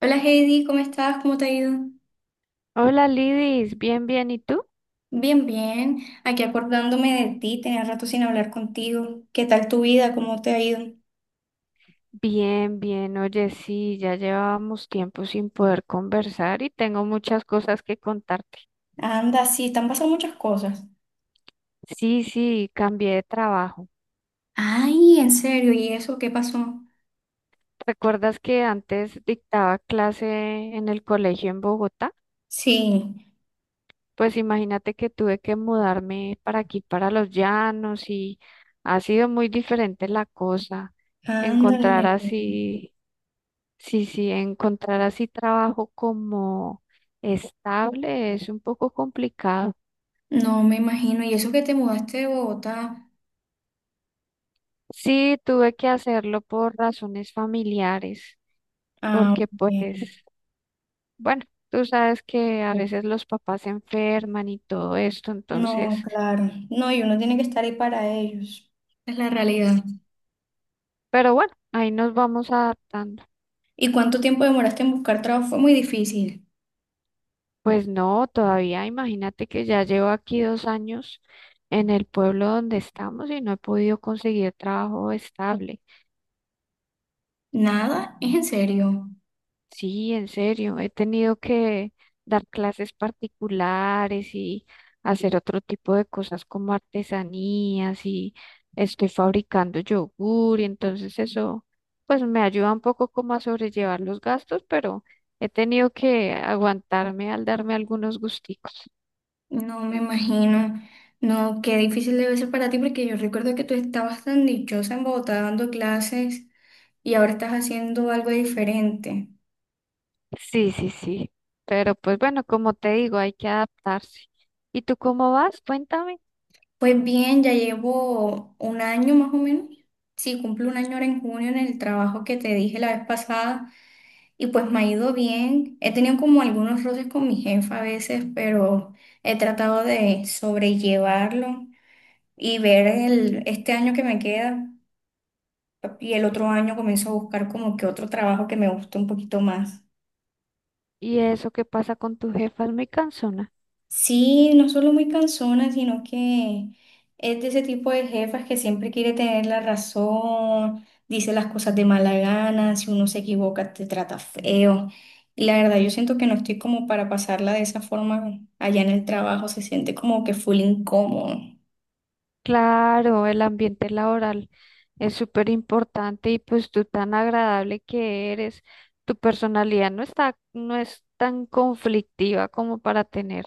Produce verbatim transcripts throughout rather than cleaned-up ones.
Hola Heidi, ¿cómo estás? ¿Cómo te ha ido? Hola Lidis, bien, bien, ¿y tú? Bien, bien. Aquí acordándome de ti, tenía rato sin hablar contigo. ¿Qué tal tu vida? ¿Cómo te ha ido? Bien, bien, oye, sí, ya llevábamos tiempo sin poder conversar y tengo muchas cosas que contarte. Anda, sí, te han pasado muchas cosas. Sí, sí, cambié de trabajo. Ay, en serio, ¿y eso qué pasó? ¿Recuerdas que antes dictaba clase en el colegio en Bogotá? Sí, Pues imagínate que tuve que mudarme para aquí, para Los Llanos, y ha sido muy diferente la cosa. Encontrar ándale. así Sí, sí, encontrar así trabajo como estable es un poco complicado. No me imagino, ¿y eso que te mudaste de Bogotá? Sí, tuve que hacerlo por razones familiares, Ah, porque pues, ok. bueno, tú sabes que a veces los papás se enferman y todo esto, entonces, No, claro. No, y uno tiene que estar ahí para ellos. Es la realidad. pero bueno, ahí nos vamos adaptando. ¿Y cuánto tiempo demoraste en buscar trabajo? Fue muy difícil. Pues no, todavía imagínate que ya llevo aquí dos años en el pueblo donde estamos y no he podido conseguir trabajo estable. Nada, ¿es en serio? Sí, en serio, he tenido que dar clases particulares y hacer otro tipo de cosas como artesanías y estoy fabricando yogur y entonces eso pues me ayuda un poco como a sobrellevar los gastos, pero he tenido que aguantarme al darme algunos gusticos. No me imagino. No, qué difícil debe ser para ti porque yo recuerdo que tú estabas tan dichosa en Bogotá dando clases y ahora estás haciendo algo diferente. Sí, sí, sí, pero pues bueno, como te digo, hay que adaptarse. ¿Y tú cómo vas? Cuéntame. Pues bien, ya llevo un año más o menos. Sí, cumplo un año ahora en junio en el trabajo que te dije la vez pasada y pues me ha ido bien. He tenido como algunos roces con mi jefa a veces, pero he tratado de sobrellevarlo y ver el, este año que me queda. Y el otro año comienzo a buscar como que otro trabajo que me guste un poquito más. ¿Y eso qué pasa con tu jefa? Es muy cansona. Sí, no solo muy cansona, sino que es de ese tipo de jefas que siempre quiere tener la razón, dice las cosas de mala gana, si uno se equivoca te trata feo. Y la verdad, yo siento que no estoy como para pasarla de esa forma allá en el trabajo, se siente como que full incómodo. Claro, el ambiente laboral es súper importante y pues tú tan agradable que eres, tu personalidad no está, no es tan conflictiva como para tener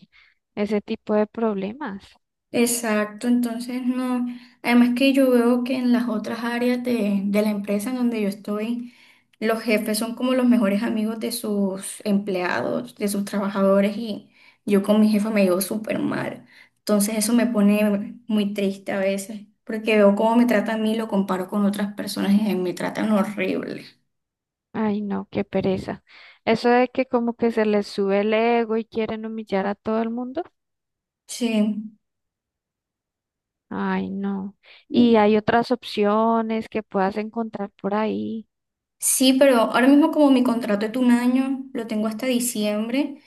ese tipo de problemas. Exacto, entonces no. Además que yo veo que en las otras áreas de, de la empresa en donde yo estoy, los jefes son como los mejores amigos de sus empleados, de sus trabajadores y yo con mi jefa me llevo súper mal. Entonces eso me pone muy triste a veces, porque veo cómo me trata a mí y lo comparo con otras personas y me tratan horrible. Ay, no, qué pereza. Eso de que como que se les sube el ego y quieren humillar a todo el mundo. Sí, Ay, no. Y hay otras opciones que puedas encontrar por ahí. sí, pero ahora mismo como mi contrato es de un año, lo tengo hasta diciembre.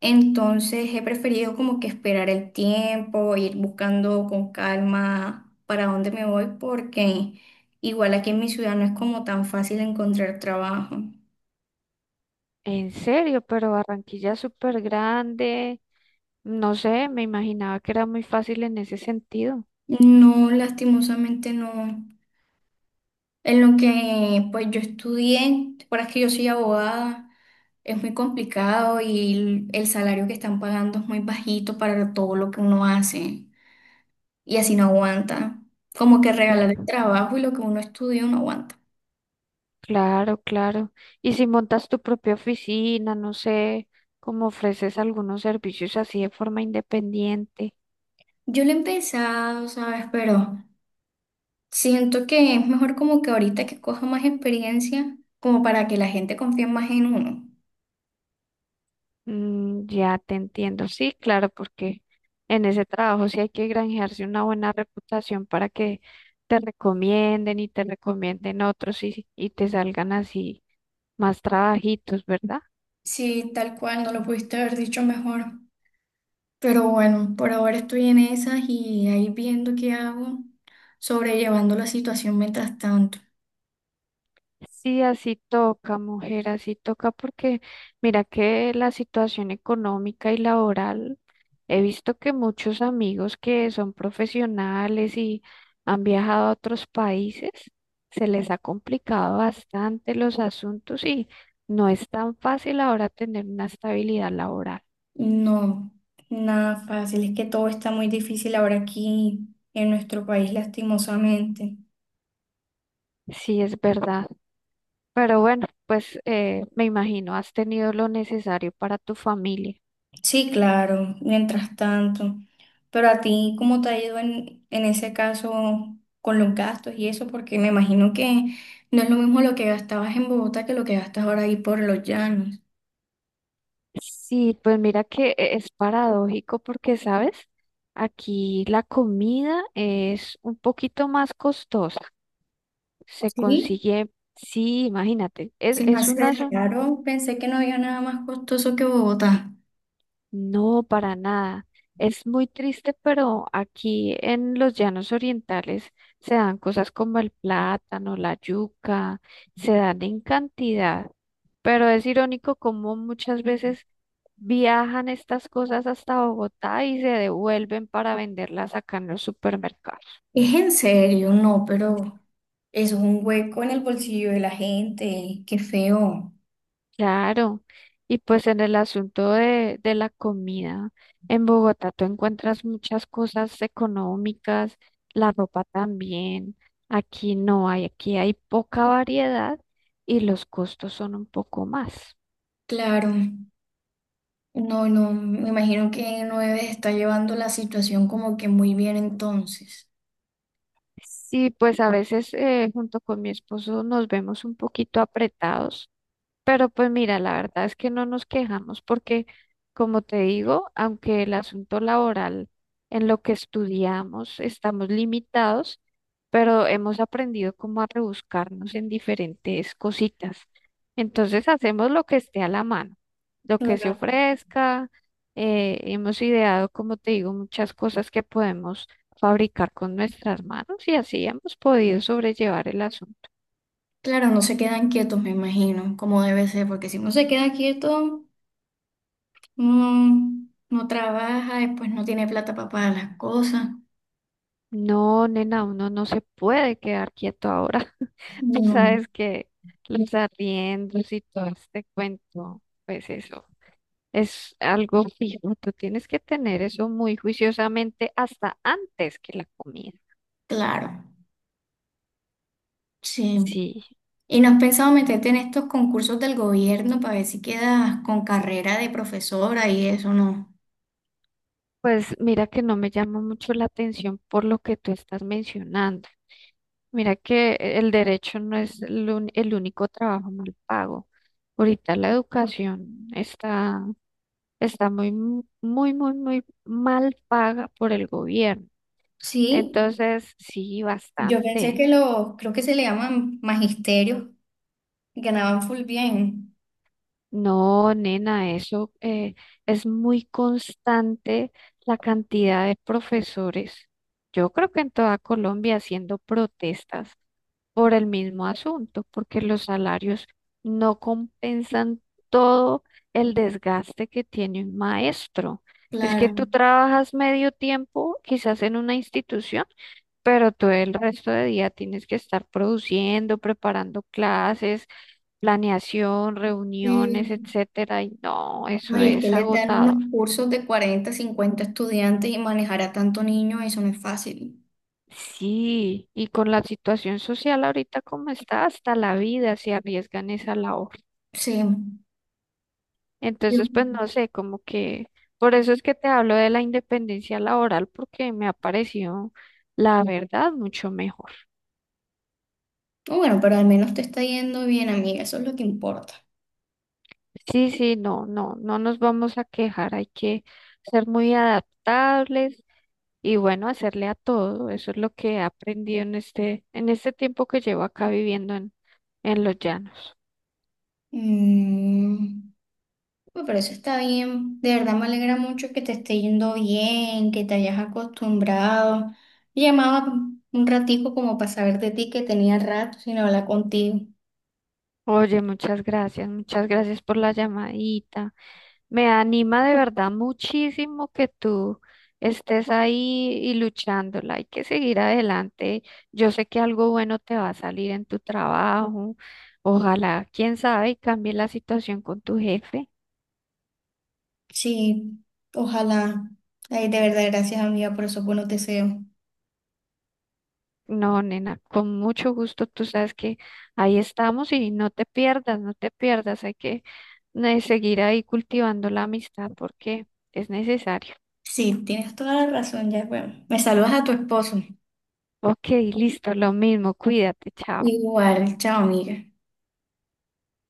Entonces he preferido como que esperar el tiempo, ir buscando con calma para dónde me voy, porque igual aquí en mi ciudad no es como tan fácil encontrar trabajo. En serio, pero Barranquilla es súper grande. No sé, me imaginaba que era muy fácil en ese sentido. No, lastimosamente no. En lo que pues yo estudié, para que yo soy abogada, es muy complicado y el, el salario que están pagando es muy bajito para todo lo que uno hace y así no aguanta. Como que regalar el Cla- trabajo y lo que uno estudió no aguanta. Claro, claro. Y si montas tu propia oficina, no sé, cómo ofreces algunos servicios así de forma independiente. Yo lo he empezado, ¿sabes? Pero siento que es mejor como que ahorita que coja más experiencia, como para que la gente confíe más en uno. Mm, ya te entiendo. Sí, claro, porque en ese trabajo sí hay que granjearse una buena reputación para que te recomienden y te recomienden otros y, y te salgan así más trabajitos, ¿verdad? Sí, tal cual, no lo pudiste haber dicho mejor. Pero bueno, por ahora estoy en esas y ahí viendo qué hago, sobrellevando la situación mientras tanto. Sí, así toca, mujer, así toca porque mira que la situación económica y laboral, he visto que muchos amigos que son profesionales y han viajado a otros países, se les ha complicado bastante los asuntos y no es tan fácil ahora tener una estabilidad laboral. No, nada fácil, es que todo está muy difícil ahora aquí en nuestro país, lastimosamente. Sí, es verdad. Pero bueno, pues eh, me imagino, has tenido lo necesario para tu familia. Sí, claro, mientras tanto. Pero a ti, ¿cómo te ha ido en, en ese caso con los gastos y eso? Porque me imagino que no es lo mismo lo que gastabas en Bogotá que lo que gastas ahora ahí por los llanos. Sí, pues mira que e- es paradójico porque, ¿sabes? Aquí la comida es un poquito más costosa. Se Sí, consigue, sí, imagínate, es, se me es hace una... raro. Pensé que no había nada más costoso que Bogotá. No, para nada. Es muy triste, pero aquí en los llanos orientales se dan cosas como el plátano, la yuca, se dan en cantidad, pero es irónico como muchas veces viajan estas cosas hasta Bogotá y se devuelven para venderlas acá en los supermercados. Es en serio, no, pero eso es un hueco en el bolsillo de la gente. Qué feo. Claro, y pues en el asunto de, de la comida, en Bogotá tú encuentras muchas cosas económicas, la ropa también, aquí no hay, aquí hay poca variedad y los costos son un poco más. Claro. No, no, me imagino que no debes estar llevando la situación como que muy bien entonces. Sí, pues a veces eh, junto con mi esposo nos vemos un poquito apretados. Pero pues mira, la verdad es que no nos quejamos porque, como te digo, aunque el asunto laboral en lo que estudiamos estamos limitados, pero hemos aprendido cómo a rebuscarnos en diferentes cositas. Entonces hacemos lo que esté a la mano, lo que se Claro, ofrezca. Eh, hemos ideado, como te digo, muchas cosas que podemos fabricar con nuestras manos y así hemos podido sobrellevar el asunto. claro, no se quedan quietos, me imagino, como debe ser, porque si uno se queda quieto, no, no trabaja, después no tiene plata para pagar las cosas. No, nena, uno no se puede quedar quieto ahora. Tú No, sabes que los arriendos y todo este cuento, pues eso es algo fijo. Tú tienes que tener eso muy juiciosamente hasta antes que la comida. claro, sí. Sí, ¿Y no has pensado meterte en estos concursos del gobierno para ver si quedas con carrera de profesora y eso, no? pues mira que no me llama mucho la atención por lo que tú estás mencionando. Mira que el derecho no es el, un- el único trabajo mal pago. Ahorita la educación está está muy, m- muy, muy, muy mal paga por el gobierno. Sí, Entonces, sí, yo pensé bastante. que los, creo que se le llaman magisterios, ganaban full bien. No, nena, eso eh, es muy constante la cantidad de profesores. Yo creo que en toda Colombia haciendo protestas por el mismo asunto, porque los salarios no compensan todo el desgaste que tiene un maestro. Es que Claro. tú trabajas medio tiempo, quizás en una institución, pero todo el resto de día tienes que estar produciendo, preparando clases, planeación, reuniones, Sí. etcétera, y no, No, eso y es que es les dan unos agotador. cursos de cuarenta cincuenta estudiantes y manejar a tanto niño, eso no es fácil. Sí, y con la situación social ahorita como está, hasta la vida se arriesga en esa labor. Sí. Yo- Entonces, pues no sé, como que por eso es que te hablo de la independencia laboral, porque me ha parecido, la verdad, mucho mejor. no, bueno, pero al menos te está yendo bien, amiga, eso es lo que importa. Sí, sí, no, no, no nos vamos a quejar, hay que ser muy adaptables y bueno, hacerle a todo. Eso es lo que he aprendido en este, en este tiempo que llevo acá viviendo en, en los llanos. Mm, bueno, pero eso está bien. De verdad me alegra mucho que te esté yendo bien, que te hayas acostumbrado. Llamaba un ratico como para saber de ti que tenía rato sin hablar contigo. Oye, muchas gracias, muchas gracias por la llamadita. Me anima de verdad muchísimo que tú estés ahí y luchándola. Hay que seguir adelante. Yo sé que algo bueno te va a salir en tu trabajo. Ojalá, quién sabe, y cambie la situación con tu jefe. Sí, ojalá. Ay, de verdad, gracias, amiga, por esos buenos deseos. No, nena, con mucho gusto. Tú sabes que ahí estamos y no te pierdas, no te pierdas. Hay que eh, seguir ahí cultivando la amistad porque es necesario. Sí, tienes toda la razón, ya, bueno. Me saludas a tu esposo. Ok, listo, lo mismo. Cuídate, chao. Igual, chao, amiga.